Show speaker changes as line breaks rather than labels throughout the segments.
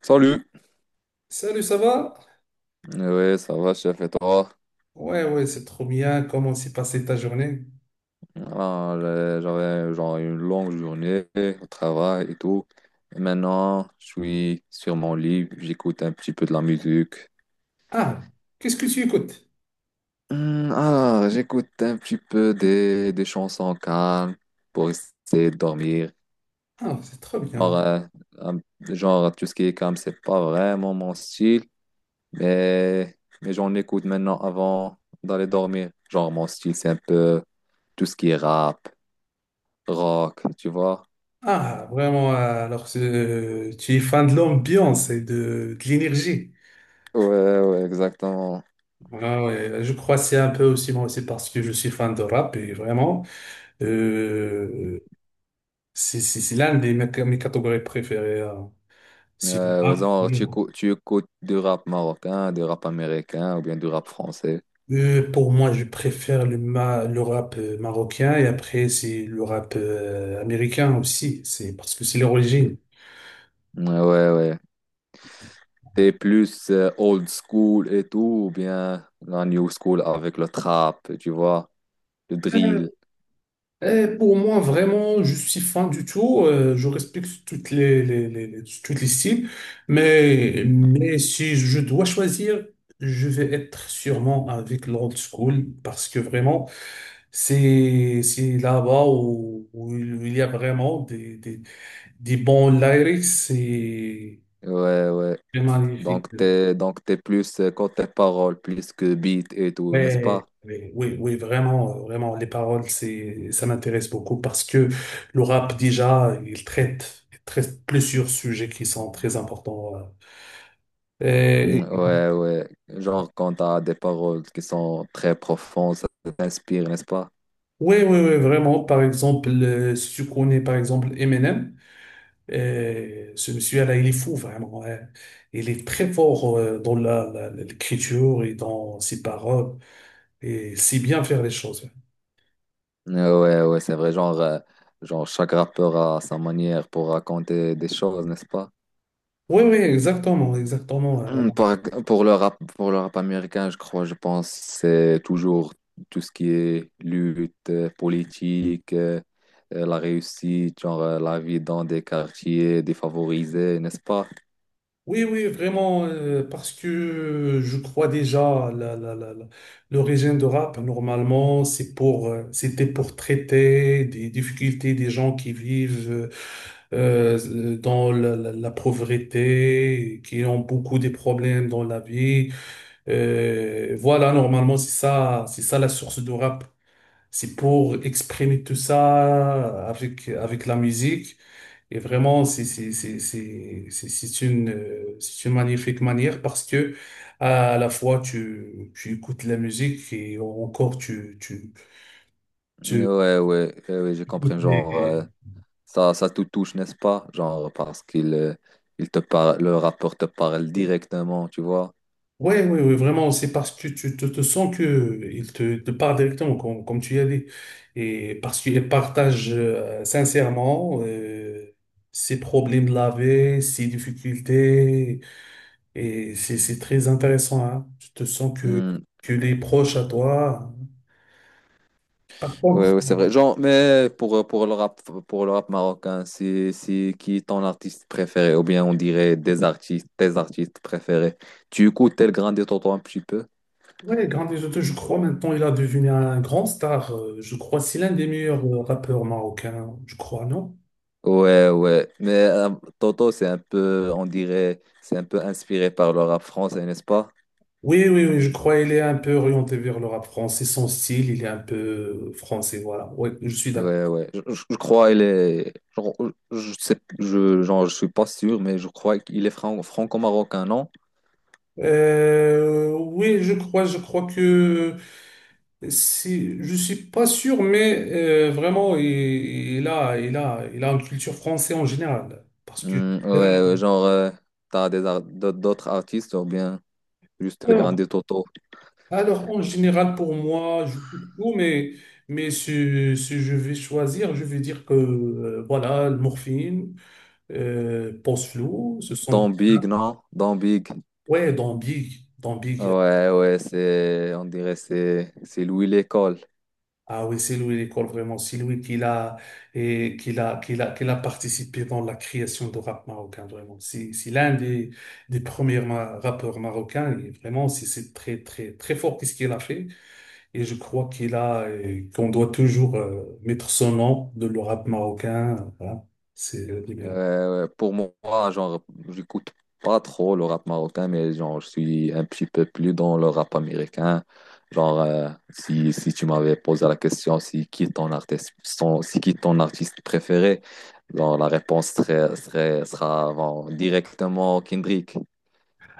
Salut.
Salut, ça va?
Oui, ça va, chef, et toi?
Ouais, ouais, c'est trop bien. Comment s'est passée ta journée?
Voilà, j'avais genre une longue journée au travail et tout. Et maintenant, je suis sur mon lit, j'écoute un petit peu de la musique.
Ah, qu'est-ce que tu écoutes?
Alors, j'écoute un petit peu des chansons calmes pour essayer de dormir.
Ah, c'est trop
Genre,
bien.
un- genre, tout ce qui est calme, c'est pas vraiment mon style, mais, mais j'en écoute maintenant avant d'aller dormir. Genre, mon style, c'est un peu tout ce qui est rap, rock, tu vois.
Ah, vraiment, alors tu es fan de l'ambiance et de l'énergie.
Ouais, ouais, exactement.
Ah ouais, je crois que c'est un peu aussi moi aussi parce que je suis fan de rap et vraiment, euh, c'est l'un des mes catégories préférées. Hein. C'est le
Ouais,
rap.
genre, tu écoutes du rap marocain, du rap américain ou bien du rap français.
Pour moi, je préfère le rap marocain et après, c'est le rap américain aussi. C'est parce que c'est leur origine.
Ouais, ouais, ouais. T'es plus old school et tout, ou bien la new school avec le trap, tu vois, le
Euh,
drill.
pour moi, vraiment, je suis fan du tout. Je respecte toutes toutes les styles. Mais si je dois choisir, je vais être sûrement avec l'old school parce que vraiment, c'est là-bas où il y a vraiment des bons lyrics.
Ouais, ouais.
C'est magnifique.
Donc, t'es plus côté paroles, plus que beat et tout, n'est-ce
Ouais,
pas?
oui, oui, oui, vraiment, vraiment, les paroles, ça m'intéresse beaucoup parce que le rap, déjà, il traite plusieurs sujets qui sont très importants. Et-
Ouais, ouais. Genre, quand t'as des paroles qui sont très profondes, ça t'inspire, n'est-ce pas?
oui, oui, oui, vraiment. Par exemple, si tu connais, par exemple, Eminem, ce monsieur-là, il est fou, vraiment. Ouais. Il est très fort, dans l'écriture et dans ses paroles et il sait bien faire les choses. Hein.
Ouais, ouais, c'est vrai, genre, genre chaque rappeur a sa manière pour raconter des choses, n'est-ce pas?
Oui, oui, exactement, exactement.
Hum, Par- pour le rap américain, je crois, je pense, c'est toujours tout ce qui est lutte, politique, la réussite, genre la vie dans des quartiers défavorisés, n'est-ce pas?
Oui, oui, vraiment, parce que je crois déjà l'origine de rap, normalement, c'était pour traiter des difficultés des gens qui vivent dans la pauvreté, qui ont beaucoup de problèmes dans la vie. Voilà, normalement, c'est ça la source de rap. C'est pour exprimer tout ça avec la musique. Et vraiment, c'est une magnifique manière parce que à la fois tu écoutes la musique et encore tu, tu,
Ouais,
tu
ouais, ouais, ouais, je
écoutes
comprends.
les.
Genre, ça te touche, n'est-ce pas? Genre, parce qu'il te parle, le rappeur te parle directement, tu vois.
Ouais, ouais, ouais, vraiment, c'est parce que tu te sens que il te parle directement, comme tu y as dit. Et parce qu'il partage sincèrement ses problèmes de la vie, ses difficultés. Et c'est très intéressant, hein. Tu te sens que les proches à toi. Par contre,
Ouais, ouais, c'est vrai. Genre, mais pour pour le rap marocain, c'est qui ton artiste préféré? Ou bien on dirait des artistes, tes artistes préférés. Tu écoutes El Grande et Toto un petit peu?
ouais, Grand Risotto, je crois maintenant il a devenu un grand star. Je crois c'est l'un des meilleurs rappeurs marocains, je crois, non?
Ouais, ouais. Mais Toto, c'est un peu, on dirait, c'est un peu inspiré par le rap français, n'est-ce pas?
Oui, oui, oui, je crois il est un peu orienté vers le rap français. Son style, il est un peu français, voilà. Oui, je suis d'accord.
Ouais, ouais. Je crois il est. Genre, je sais, genre, je suis pas sûr, mais je crois qu'il est franco-marocain, non?
Oui, je crois que je suis pas sûr, mais vraiment, il a une culture française en général.
Hmm, ouais, ouais, genre, tu t'as d'autres artistes, ou bien. Juste le El
Alors,
Grande Toto.
alors, en général, pour moi, je coupe tout, mais si je vais choisir, je vais dire que voilà, le morphine, pense flou, ce sont.
Dans Big, non? Dans Big.
Ouais, dans Big, dans Big.
Ouais, ouais, on dirait c'est Louis l'école.
Ah oui, c'est lui l'école vraiment. C'est lui qu'il a participé dans la création de rap marocain, vraiment. C'est l'un des premiers rappeurs marocains. Et vraiment, c'est très, très, très fort qu'est-ce qu'il a fait. Et je crois qu'on doit toujours mettre son nom de le rap marocain. Voilà. C'est le numéro.
Pour moi, genre, j'écoute pas trop le rap marocain, mais genre, je suis un petit peu plus dans le rap américain. Genre, si tu m'avais posé la question, si qui est ton artiste, son- si qui est ton artiste préféré, genre, la réponse sera, bon, directement Kendrick.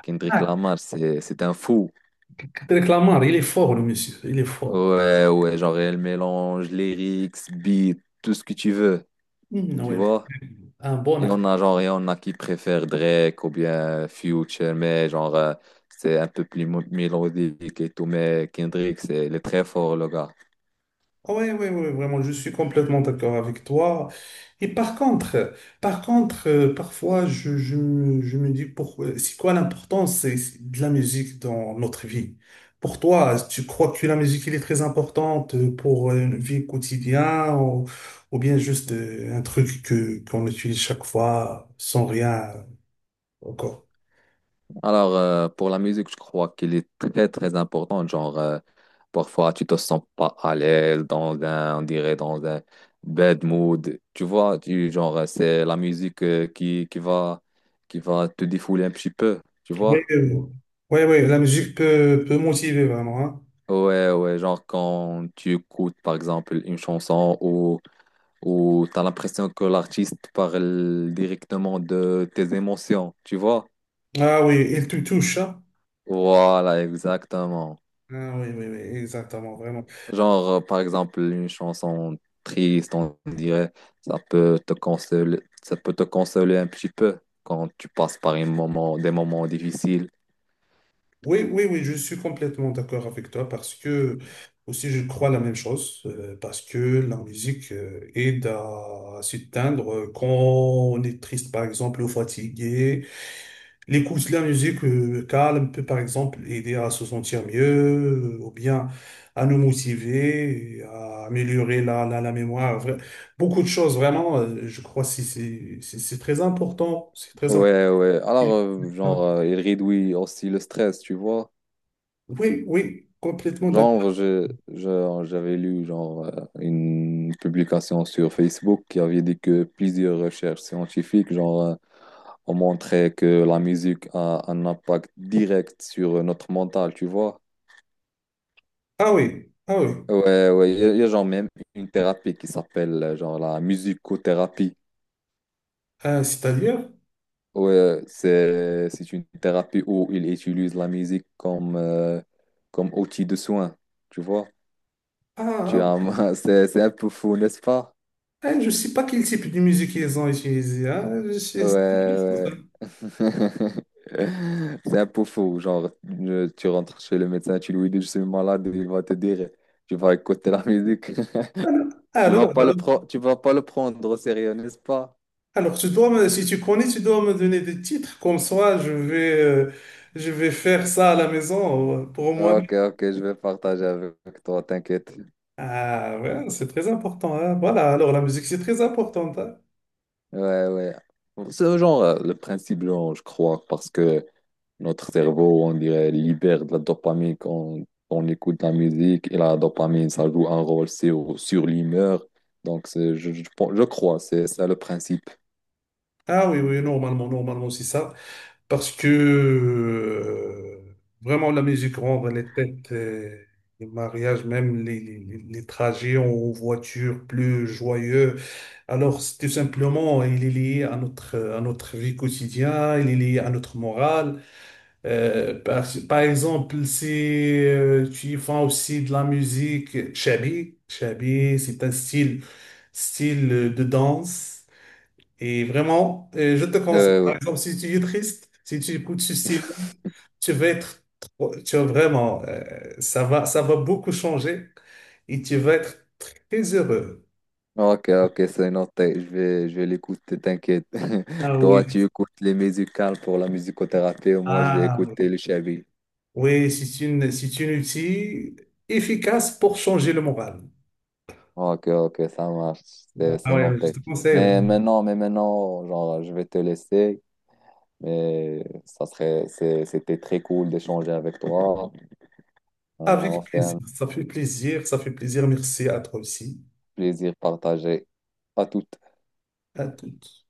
Kendrick Lamar, c'est un fou.
Abdelkader Lamar, il est fort, le monsieur. Il est fort.
Ouais, ouais, genre elle mélange lyrics, beats, tout ce que tu veux,
Mhm,
tu
ouais.
vois.
Un bon.
Et on a qui préfère Drake ou bien Future, mais genre, c'est un peu plus mélodique et tout, mais Kendrick, il est très fort, le gars.
Oui, oui, oui, vraiment, je suis complètement d'accord avec toi. Et par contre, parfois, je me dis pourquoi, c'est quoi l'importance c'est de la musique dans notre vie? Pour toi, tu crois que la musique, elle est très importante pour une vie quotidienne ou bien juste un truc qu'on utilise chaque fois sans rien encore?
Alors, pour la musique, je crois qu'il est très, très important. Genre, parfois, tu te sens pas à l'aise on dirait, dans un bad mood. Tu vois, genre, c'est la musique qui va te défouler un petit peu. Tu
Oui,
vois?
oui, oui, oui, la musique peut motiver vraiment, hein.
Ouais, ouais, genre quand tu écoutes par exemple une chanson où tu as l'impression que l'artiste parle directement de tes émotions, tu vois?
Ah oui, elle te touche, hein?
Voilà, exactement.
Ah oui, oui, oui, exactement, vraiment.
Genre, par exemple, une chanson triste, on dirait, ça peut te consoler un petit peu quand tu passes par un moment, des moments difficiles.
Oui, oui, oui, je suis complètement d'accord avec toi parce que aussi je crois la même chose, parce que la musique aide à s'éteindre quand on est triste par exemple ou fatigué. L'écoute de la musique calme peut par exemple aider à se sentir mieux ou bien à nous motiver, et à améliorer la mémoire. Beaucoup de choses vraiment, je crois que c'est très important, c'est très important.
Ouais, ouais. Alors, genre, il réduit aussi le stress, tu vois.
Oui, oui, complètement d'accord.
Genre, j'avais lu genre, une publication sur Facebook qui avait dit que plusieurs recherches scientifiques genre, ont montré que la musique a un impact direct sur notre mental, tu vois.
Ah oui, ah oui.
Ouais, ouais, il y a genre même une thérapie qui s'appelle genre la musicothérapie.
C'est-à-dire?
Ouais, c'est une thérapie où ils utilisent la musique comme outil de soin, tu vois.
Ah, ah,
C'est un peu fou, n'est-ce pas?
ah, je ne sais pas quel type de musique ils ont utilisé. Ah.
Ouais, ouais. C'est un peu faux. Genre, tu rentres chez le médecin, tu lui dis, je suis malade, il va te dire, tu vas écouter la musique.
Alors,
Tu vas
alors,
pas
alors,
le pro- tu vas pas le prendre au sérieux, n'est-ce pas?
alors, si tu connais, tu dois me donner des titres. Comme ça, je vais faire ça à la maison pour moi.
Ok, ok, je vais partager avec toi, t'inquiète.
Ah ouais, c'est très important. Hein. Voilà, alors la musique, c'est très important. Hein.
Ouais, ouais. C'est genre le principe, genre, je crois, parce que notre cerveau, on dirait, libère de la dopamine quand on écoute la musique et la dopamine, ça joue un rôle sur l'humeur. Donc, je crois, c'est ça le principe.
Ah oui, oui, normalement, c'est ça. Parce que vraiment, la musique rend les fêtes, les mariages, même les trajets en voiture plus joyeux. Alors, c'est tout simplement, il est lié à notre vie quotidienne, il est lié à notre morale. Par exemple, si tu y fais aussi de la musique, shabi, shabi, c'est un style de danse. Et vraiment, je te conseille, par
Ouais.
exemple, si tu es triste, si tu écoutes ce style, tu vas être, tu vas vraiment, ça va beaucoup changer et tu vas être très heureux.
Ok, ok, c'est noté. Je vais l'écouter, t'inquiète.
Ah
Toi,
oui.
tu écoutes les musicales pour la musicothérapie, et moi, je vais
Ah oui.
écouter le Chavi.
Oui, c'est une outil efficace pour changer le moral.
Ok, ok, ça marche. C'est
Ah
c'est
ouais, je
noté.
te conseille, vraiment.
Mais maintenant, genre, je vais te laisser. Mais c'était très cool d'échanger avec toi.
Avec plaisir.
Enfin,
Ça fait plaisir. Ça fait plaisir. Merci à toi aussi.
plaisir partagé. À tout.
À toutes.